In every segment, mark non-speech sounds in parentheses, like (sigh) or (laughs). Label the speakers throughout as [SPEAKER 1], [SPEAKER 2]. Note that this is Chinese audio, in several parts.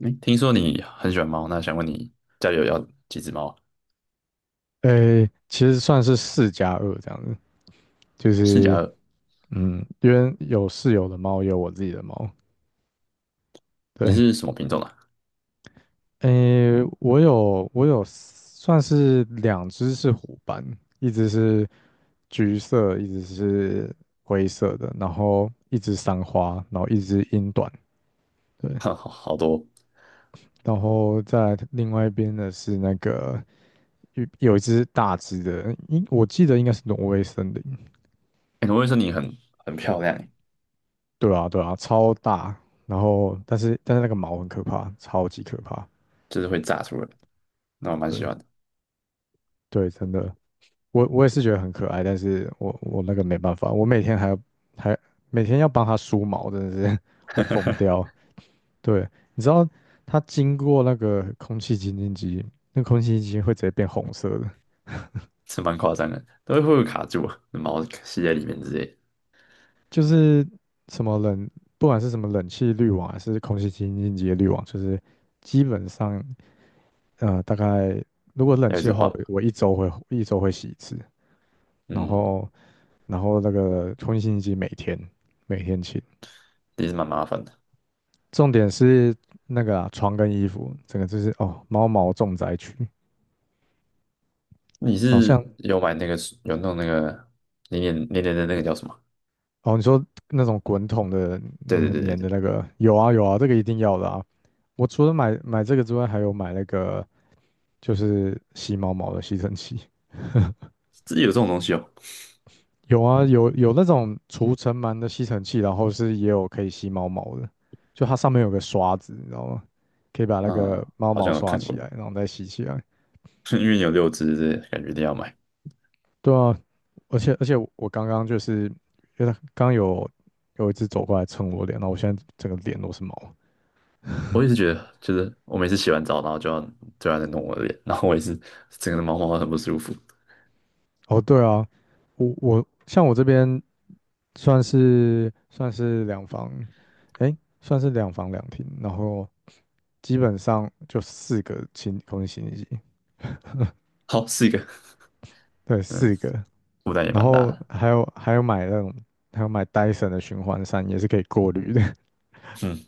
[SPEAKER 1] 哎，听说你很喜欢猫，那想问你家里有要几只猫啊？
[SPEAKER 2] 诶，其实算是四加二这样子，就
[SPEAKER 1] 四加
[SPEAKER 2] 是
[SPEAKER 1] 二。
[SPEAKER 2] 因为有室友的猫，也有我自己的猫。
[SPEAKER 1] 你
[SPEAKER 2] 对，
[SPEAKER 1] 是什么品种啊？
[SPEAKER 2] 诶，我有算是两只是虎斑，一只是橘色，一只是灰色的，然后一只三花，然后一只英短。对，
[SPEAKER 1] (laughs) 好多。
[SPEAKER 2] 然后在另外一边的是那个有一只大只的，应我记得应该是挪威森林，
[SPEAKER 1] 哎，我会说你很很漂亮欸。
[SPEAKER 2] 对啊，对啊，超大。然后，但是那个毛很可怕，超级可怕。
[SPEAKER 1] 就是会炸出来，那我蛮喜
[SPEAKER 2] 对
[SPEAKER 1] 欢的。
[SPEAKER 2] 对，真的，我也是觉得很可爱，但是我那个没办法，我每天还要还每天要帮它梳毛，真的是 (laughs) 会疯
[SPEAKER 1] (laughs)
[SPEAKER 2] 掉。对，你知道它经过那个空气清净机，那空气清净机会直接变红色的，
[SPEAKER 1] 是蛮夸张的，都会卡住啊，毛吸在里面之类的
[SPEAKER 2] 就是什么冷，不管是什么冷气滤网还是空气清净机的滤网，就是基本上大概如果冷
[SPEAKER 1] 要一
[SPEAKER 2] 气
[SPEAKER 1] 直
[SPEAKER 2] 的话，我
[SPEAKER 1] 换。
[SPEAKER 2] 我一周会洗一次，然
[SPEAKER 1] 嗯，
[SPEAKER 2] 后那个空气清新机每天清，
[SPEAKER 1] 也是蛮麻烦的。
[SPEAKER 2] 重点是那个啊床跟衣服，整个就是哦猫毛重灾区，
[SPEAKER 1] 你
[SPEAKER 2] 好像
[SPEAKER 1] 是有买那个，有弄那个黏黏黏黏的那个叫什么？
[SPEAKER 2] 哦你说那种滚筒的
[SPEAKER 1] 对对
[SPEAKER 2] 很
[SPEAKER 1] 对对
[SPEAKER 2] 黏的
[SPEAKER 1] 对，
[SPEAKER 2] 那个，有啊有啊，这个一定要的啊，我除了买这个之外，还有买那个就是吸猫毛的吸尘器，
[SPEAKER 1] 自己有这种东西哦？
[SPEAKER 2] 有啊，有那种除尘螨的吸尘器，然后是也有可以吸猫毛的，就它上面有个刷子，你知道吗？可以把那
[SPEAKER 1] 嗯，
[SPEAKER 2] 个猫
[SPEAKER 1] 好
[SPEAKER 2] 毛
[SPEAKER 1] 像有
[SPEAKER 2] 刷
[SPEAKER 1] 看
[SPEAKER 2] 起
[SPEAKER 1] 过。
[SPEAKER 2] 来，然后再吸起来。
[SPEAKER 1] (laughs) 因为有六只，感觉一定要买。
[SPEAKER 2] 对啊，而且我刚刚就是，因为它刚有一只走过来蹭我脸，然后我现在整个脸都是毛。
[SPEAKER 1] 我也是觉得，就是我每次洗完澡，然后就要在弄我的脸，然后我也是整个人毛毛的很不舒服。
[SPEAKER 2] 哦，对啊，像我这边算是两房，诶，算是两房两厅，然后基本上就四个清空洗衣机。
[SPEAKER 1] 好，是一个。
[SPEAKER 2] 对，
[SPEAKER 1] 嗯，
[SPEAKER 2] 四个，
[SPEAKER 1] 负担也
[SPEAKER 2] 然
[SPEAKER 1] 蛮大
[SPEAKER 2] 后
[SPEAKER 1] 的。
[SPEAKER 2] 还有买那种，还有买 DY 的循环扇，也是可以过滤的。
[SPEAKER 1] 嗯，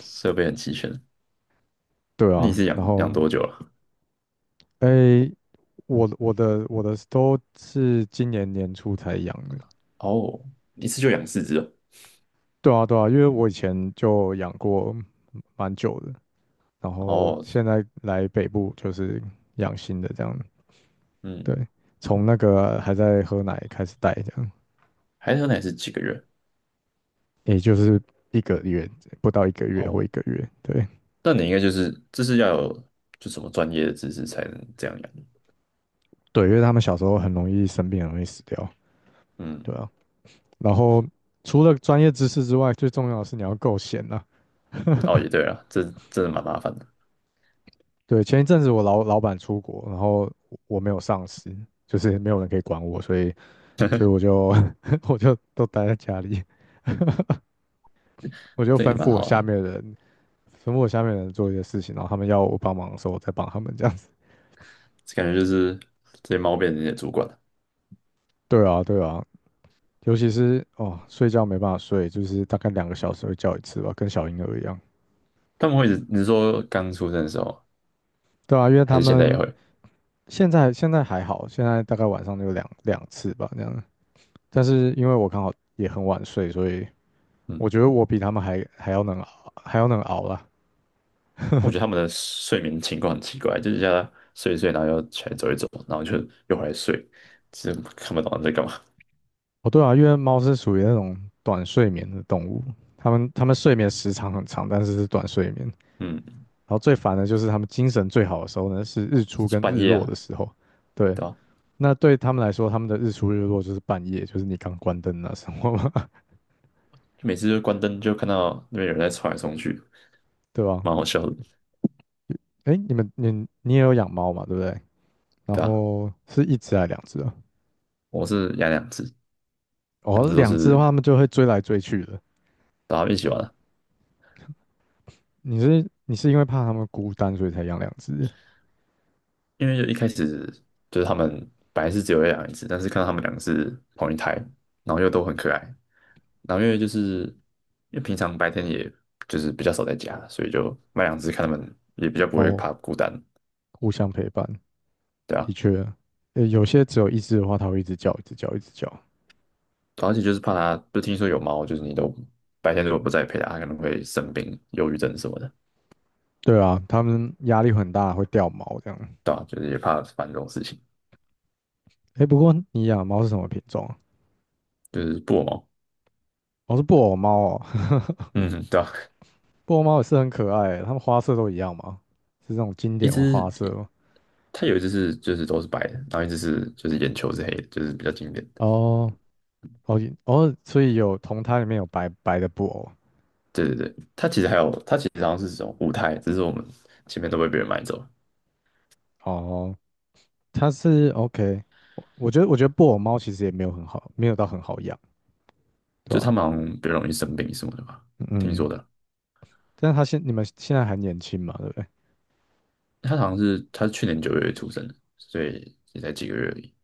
[SPEAKER 1] 设备很齐全。
[SPEAKER 2] (laughs) 对
[SPEAKER 1] 那你
[SPEAKER 2] 啊，
[SPEAKER 1] 是养
[SPEAKER 2] 然
[SPEAKER 1] 养
[SPEAKER 2] 后
[SPEAKER 1] 多久了？
[SPEAKER 2] 诶，我我的都是今年年初才养的。
[SPEAKER 1] 哦，一次就养四只哦。
[SPEAKER 2] 对啊，对啊，因为我以前就养过蛮久的，然后
[SPEAKER 1] 哦。
[SPEAKER 2] 现在来北部就是养新的这样。
[SPEAKER 1] 嗯，
[SPEAKER 2] 对，从那个还在喝奶开始带这样，
[SPEAKER 1] 海豚奶是几个月？
[SPEAKER 2] 也就是一个月不到一个月或
[SPEAKER 1] 哦，
[SPEAKER 2] 一个月。对
[SPEAKER 1] 那你应该就是这是要有就什么专业的知识才能这样养。
[SPEAKER 2] 对，因为他们小时候很容易生病，很容易死掉。对
[SPEAKER 1] 嗯。
[SPEAKER 2] 啊。然后除了专业知识之外，最重要的是你要够闲啊。
[SPEAKER 1] 哦，也对啊，这真的蛮麻烦的。
[SPEAKER 2] 对，前一阵子我老板出国，然后我没有上司，就是没有人可以管我，所以我就 (laughs) 我就都待在家里，我就
[SPEAKER 1] 这
[SPEAKER 2] 吩
[SPEAKER 1] 也蛮
[SPEAKER 2] 咐我
[SPEAKER 1] 好
[SPEAKER 2] 下
[SPEAKER 1] 的。
[SPEAKER 2] 面的人，吩咐我下面的人做一些事情，然后他们要我帮忙的时候，我再帮他们这样子。
[SPEAKER 1] 感觉就是这些猫变成你的主管了。
[SPEAKER 2] 对啊，对啊，尤其是哦，睡觉没办法睡，就是大概2个小时会叫一次吧，跟小婴儿一样。
[SPEAKER 1] 他们会一直，你是说刚出生的时候吗，
[SPEAKER 2] 对啊，因为
[SPEAKER 1] 还
[SPEAKER 2] 他
[SPEAKER 1] 是现在也
[SPEAKER 2] 们
[SPEAKER 1] 会。
[SPEAKER 2] 现在还好，现在大概晚上就两次吧，这样。但是因为我刚好也很晚睡，所以我觉
[SPEAKER 1] 嗯，
[SPEAKER 2] 得我比他们还要能熬，还要能熬啦。
[SPEAKER 1] 我觉得他们的睡眠情况很奇怪，就是叫他睡一睡，然后又起来走一走，然后就又回来睡，这看不懂他们在干嘛。
[SPEAKER 2] 哦，对啊，因为猫是属于那种短睡眠的动物，它们睡眠时长很长，但是是短睡眠。
[SPEAKER 1] 嗯，
[SPEAKER 2] 然后最烦的就是它们精神最好的时候呢，是日出
[SPEAKER 1] 是
[SPEAKER 2] 跟
[SPEAKER 1] 半
[SPEAKER 2] 日
[SPEAKER 1] 夜
[SPEAKER 2] 落
[SPEAKER 1] 啊，
[SPEAKER 2] 的时候。对，
[SPEAKER 1] 对吧、
[SPEAKER 2] 那对他们来说，他们的日出日落就是半夜，就是你刚关灯那时候嘛，
[SPEAKER 1] 就每次就关灯就看到那边有人在冲来冲去，
[SPEAKER 2] (laughs) 对吧？
[SPEAKER 1] 蛮好笑的，
[SPEAKER 2] 哎，你们你你也有养猫嘛，对不对？然
[SPEAKER 1] 对吧、
[SPEAKER 2] 后是一只还两只啊？
[SPEAKER 1] 我是养两只。两
[SPEAKER 2] 哦，
[SPEAKER 1] 只都
[SPEAKER 2] 两只的话，
[SPEAKER 1] 是
[SPEAKER 2] 它们就会追来追去的。
[SPEAKER 1] 大家一起玩啊。
[SPEAKER 2] 你是因为怕它们孤单，所以才养两只？
[SPEAKER 1] 因为就一开始就是他们本来是只有一两只，但是看到他们两个是同一胎，然后又都很可爱，然后因为就是因为平常白天也就是比较少在家，所以就买两只看他们也比较不会
[SPEAKER 2] 哦，
[SPEAKER 1] 怕孤单。
[SPEAKER 2] 互相陪伴，
[SPEAKER 1] 对
[SPEAKER 2] 的
[SPEAKER 1] 啊，
[SPEAKER 2] 确，有些只有一只的话，它会一直叫，一直叫，一直叫。
[SPEAKER 1] 而且就是怕它，就听说有猫，就是你都白天如果不在陪它，它可能会生病、忧郁症什么的。
[SPEAKER 2] 对啊，它们压力很大，会掉毛这样。
[SPEAKER 1] 对啊，就是也怕烦这种事情。
[SPEAKER 2] 哎，不过你养的猫是什么品种啊？
[SPEAKER 1] 就是布偶猫。
[SPEAKER 2] 哦，是布偶猫哦，
[SPEAKER 1] 嗯，对啊。
[SPEAKER 2] (laughs) 布偶猫也是很可爱欸，它们花色都一样吗？是那种经
[SPEAKER 1] 一
[SPEAKER 2] 典的
[SPEAKER 1] 只
[SPEAKER 2] 花色
[SPEAKER 1] 一，
[SPEAKER 2] 吗？
[SPEAKER 1] 它有一只是就是都是白的，然后一只是就是眼球是黑的，就是比较经典。
[SPEAKER 2] 哦哦哦，所以有同胎里面有白白的布偶。
[SPEAKER 1] 对对对，它其实还有，它其实好像是这种舞台，只是我们前面都被别人买走了。
[SPEAKER 2] 哦，它是 OK，我觉得布偶猫其实也没有很好，没有到很好养。对
[SPEAKER 1] 就
[SPEAKER 2] 吧？
[SPEAKER 1] 他们好像比较容易生病什么的吧，听说
[SPEAKER 2] 嗯，
[SPEAKER 1] 的。
[SPEAKER 2] 但你们现在还年轻嘛，对不对？
[SPEAKER 1] 它好像是它是去年九月出生的，所以也才几个月而已。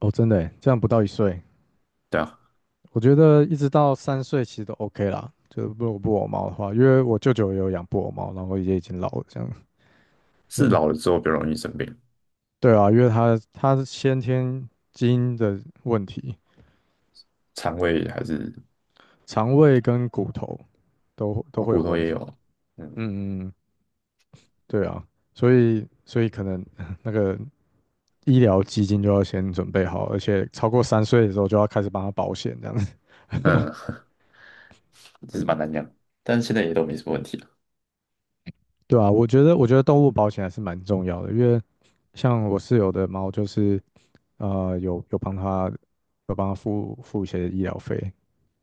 [SPEAKER 2] 哦，真的耶，这样不到一岁，
[SPEAKER 1] 对啊，
[SPEAKER 2] 我觉得一直到三岁其实都 OK 啦。就是如果布偶猫的话，因为我舅舅也有养布偶猫，然后也已经老了，这样。
[SPEAKER 1] 是
[SPEAKER 2] 对
[SPEAKER 1] 老了之后比较容易生病。
[SPEAKER 2] 对啊，因为他是先天基因的问题，
[SPEAKER 1] 肠胃还是
[SPEAKER 2] 肠胃跟骨头都
[SPEAKER 1] 哦
[SPEAKER 2] 会
[SPEAKER 1] 骨
[SPEAKER 2] 有
[SPEAKER 1] 头
[SPEAKER 2] 问
[SPEAKER 1] 也
[SPEAKER 2] 题。
[SPEAKER 1] 有。嗯
[SPEAKER 2] 嗯嗯，嗯对啊，所以可能 (laughs) 那个医疗基金就要先准备好，而且超过三岁的时候就要开始帮他保险这样子。(laughs)
[SPEAKER 1] 嗯。其实蛮难养，但是现在也都没什么问题了。
[SPEAKER 2] 对啊，我觉得动物保险还是蛮重要的，因为像我室友的猫就是呃有有帮它有帮它付一些医疗费，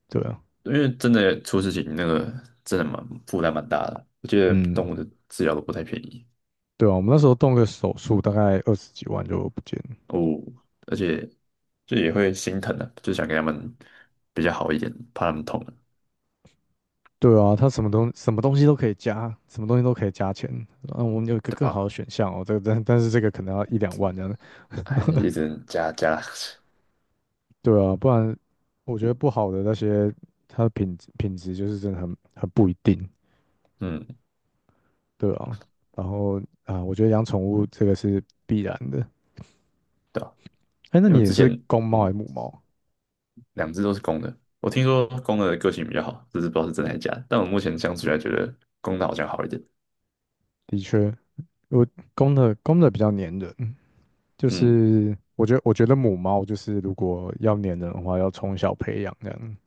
[SPEAKER 2] 对啊，
[SPEAKER 1] 因为真的出事情那个真的蛮负担蛮大的，我觉得
[SPEAKER 2] 嗯，
[SPEAKER 1] 动物的治疗都不太便宜。
[SPEAKER 2] 对啊，我们那时候动个手术大概二十几万就不见了，
[SPEAKER 1] 哦，而且就也会心疼的、啊，就想给他们比较好一点，怕他们痛了。
[SPEAKER 2] 对啊，它什么东西都可以加，什么东西都可以加钱，嗯，我们有一个
[SPEAKER 1] 对
[SPEAKER 2] 更好的
[SPEAKER 1] 吧？
[SPEAKER 2] 选项哦，这个但是这个可能要一两万这样的，
[SPEAKER 1] 还一
[SPEAKER 2] (laughs)
[SPEAKER 1] 直加加。
[SPEAKER 2] 对啊，不然我觉得不好的那些它的品质就是真的很不一定，
[SPEAKER 1] (laughs) 嗯，
[SPEAKER 2] 对啊，然后啊，我觉得养宠物这个是必然的。
[SPEAKER 1] 对啊。
[SPEAKER 2] 哎，那
[SPEAKER 1] 因
[SPEAKER 2] 你
[SPEAKER 1] 为我
[SPEAKER 2] 也
[SPEAKER 1] 之前，
[SPEAKER 2] 是公猫还
[SPEAKER 1] 嗯，
[SPEAKER 2] 是母猫？
[SPEAKER 1] 两只都是公的，我听说公的个性比较好，这只是不知道是真还是假的。但我目前相处下来觉得公的好像好一点。
[SPEAKER 2] 的确，我公的比较粘人，就
[SPEAKER 1] 嗯，
[SPEAKER 2] 是我觉得母猫就是如果要粘人的话，要从小培养这样。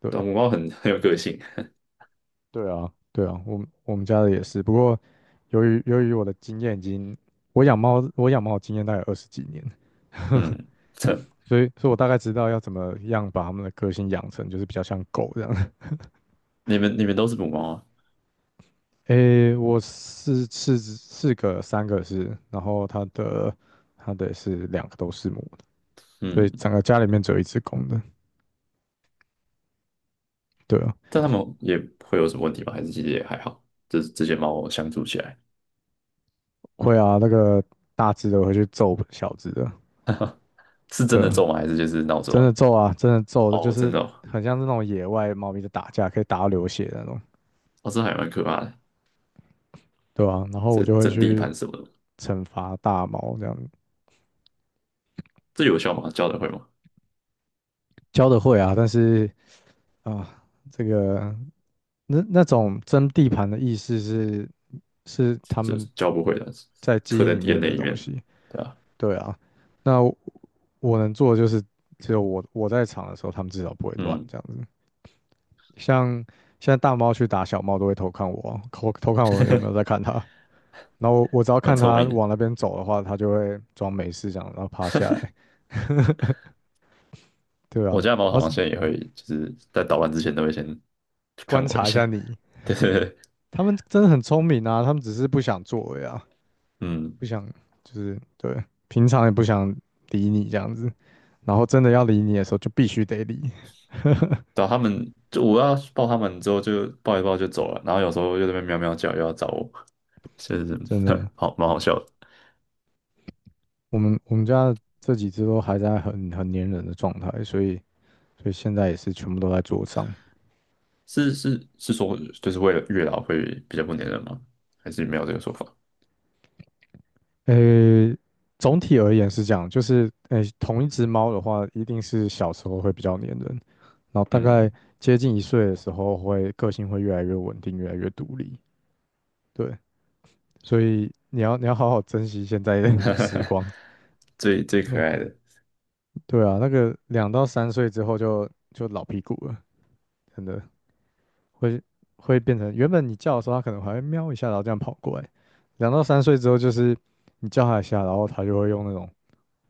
[SPEAKER 2] 对
[SPEAKER 1] 对啊，母猫很很有个性。
[SPEAKER 2] 对啊，对啊，我们家的也是，不过由于我的经验已经，我养猫的经验大概二十几年，(laughs)
[SPEAKER 1] 嗯，这
[SPEAKER 2] 所以我大概知道要怎么样把它们的个性养成，就是比较像狗这样。
[SPEAKER 1] 你们都是母猫啊。
[SPEAKER 2] 诶，我是四个，三个是，然后它的也是两个都是母的，所以
[SPEAKER 1] 嗯，
[SPEAKER 2] 整个家里面只有一只公的。对啊，
[SPEAKER 1] 但他们也会有什么问题吗？还是其实也还好，就是这些猫相处起来。
[SPEAKER 2] 会啊，那个大只的会去揍小只的，
[SPEAKER 1] (laughs) 是真
[SPEAKER 2] 对
[SPEAKER 1] 的
[SPEAKER 2] 啊，
[SPEAKER 1] 揍吗？还是就是闹着
[SPEAKER 2] 真
[SPEAKER 1] 玩？
[SPEAKER 2] 的揍啊，真的揍的，就
[SPEAKER 1] 哦，真
[SPEAKER 2] 是
[SPEAKER 1] 的哦。
[SPEAKER 2] 很像是那种野外猫咪在打架，可以打到流血的那种，
[SPEAKER 1] 哦这还蛮可怕的。
[SPEAKER 2] 对啊，然后我
[SPEAKER 1] 这
[SPEAKER 2] 就会
[SPEAKER 1] 整地
[SPEAKER 2] 去
[SPEAKER 1] 盘什么的。
[SPEAKER 2] 惩罚大猫这样，
[SPEAKER 1] 这有效吗？教得会吗？
[SPEAKER 2] 教的会啊，但是啊，这个。那那种争地盘的意思是是他
[SPEAKER 1] 这
[SPEAKER 2] 们
[SPEAKER 1] 教不会的，
[SPEAKER 2] 在基
[SPEAKER 1] 刻
[SPEAKER 2] 因
[SPEAKER 1] 在
[SPEAKER 2] 里面
[SPEAKER 1] DNA
[SPEAKER 2] 的
[SPEAKER 1] 里
[SPEAKER 2] 东
[SPEAKER 1] 面。
[SPEAKER 2] 西，
[SPEAKER 1] 对啊。
[SPEAKER 2] 对啊。那我能做的就是，只有我在场的时候，他们至少不会乱
[SPEAKER 1] 嗯，
[SPEAKER 2] 这样子。像现在大猫去打小猫，都会偷偷看我有没有在看它。然后我只要
[SPEAKER 1] 蛮
[SPEAKER 2] 看
[SPEAKER 1] 聪
[SPEAKER 2] 它
[SPEAKER 1] 明
[SPEAKER 2] 往那
[SPEAKER 1] 的。
[SPEAKER 2] 边走的话，它就会装没事这样，然后趴下来，对啊。
[SPEAKER 1] 我家的
[SPEAKER 2] 然
[SPEAKER 1] 猫
[SPEAKER 2] 后
[SPEAKER 1] 好像
[SPEAKER 2] 是
[SPEAKER 1] 现在也会，就是在捣乱之前都会先看
[SPEAKER 2] 观
[SPEAKER 1] 我一
[SPEAKER 2] 察一下
[SPEAKER 1] 下。
[SPEAKER 2] 你，
[SPEAKER 1] (laughs) 对对对。
[SPEAKER 2] 他们真的很聪明啊，他们只是不想做而已啊。
[SPEAKER 1] 嗯，
[SPEAKER 2] 不想，就是对，平常也不想理你这样子，然后真的要理你的时候就必须得理，(laughs)
[SPEAKER 1] 找他们就我要抱他们之后就抱一抱就走了，然后有时候又在那边喵喵叫，又要找我，就是。
[SPEAKER 2] 真的，
[SPEAKER 1] (laughs) 好蛮好笑的。
[SPEAKER 2] 我们家这几只都还在很粘人的状态，所以现在也是全部都在桌上。
[SPEAKER 1] 是是是说，就是为了月老会比较不粘人吗？还是没有这个说法？
[SPEAKER 2] 呃，总体而言是这样，就是同一只猫的话，一定是小时候会比较粘人，然后大概
[SPEAKER 1] 嗯。
[SPEAKER 2] 接近一岁的时候会个性会越来越稳定，越来越独立，对，所以你要好好珍惜现在的 (laughs) 时光。
[SPEAKER 1] (laughs) 最最可
[SPEAKER 2] 那
[SPEAKER 1] 爱的。
[SPEAKER 2] 对啊，那个两到三岁之后就老屁股了，真的会变成原本你叫的时候，它可能还会喵一下，然后这样跑过来。两到三岁之后，就是你叫它一下，然后它就会用那种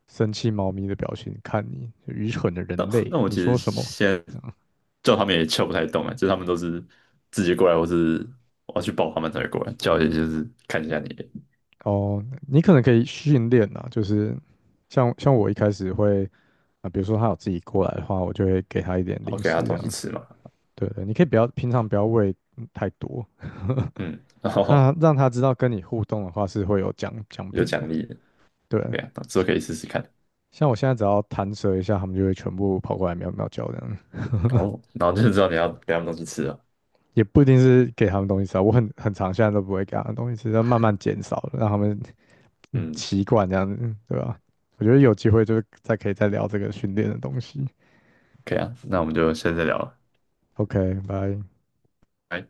[SPEAKER 2] 生气猫咪的表情看你，就愚蠢的
[SPEAKER 1] 那
[SPEAKER 2] 人类，
[SPEAKER 1] 那我
[SPEAKER 2] 你
[SPEAKER 1] 其实
[SPEAKER 2] 说什么？
[SPEAKER 1] 现在
[SPEAKER 2] 这样
[SPEAKER 1] 叫他们也叫不太动啊，就是他们都是自己过来，或是我要去抱他们才会过来，叫也就是看一下你。
[SPEAKER 2] 哦，你可能可以训练啊，就是像我一开始会啊、比如说它有自己过来的话，我就会给它一点
[SPEAKER 1] 然后
[SPEAKER 2] 零
[SPEAKER 1] 给他
[SPEAKER 2] 食这
[SPEAKER 1] 东西
[SPEAKER 2] 样。
[SPEAKER 1] 吃嘛。
[SPEAKER 2] 对对，你可以不要平常不要喂太多，
[SPEAKER 1] 嗯，然后。
[SPEAKER 2] 那让他知道跟你互动的话是会有奖
[SPEAKER 1] (laughs) 有
[SPEAKER 2] 品的，
[SPEAKER 1] 奖励的。
[SPEAKER 2] 对。
[SPEAKER 1] 对啊，之后可以试试看。
[SPEAKER 2] 像我现在只要弹舌一下，他们就会全部跑过来喵喵叫这样，
[SPEAKER 1] 哦，然后就知道你要给他们东西吃啊。
[SPEAKER 2] 也不一定是给他们东西吃啊，我很常现在都不会给他们东西吃，要慢慢减少，了，让他们
[SPEAKER 1] 嗯，
[SPEAKER 2] 习惯这样子，对吧？我觉得有机会就是再可以再聊这个训练的东西。
[SPEAKER 1] 可以啊，那我们就下次再聊了。
[SPEAKER 2] OK，拜。
[SPEAKER 1] 拜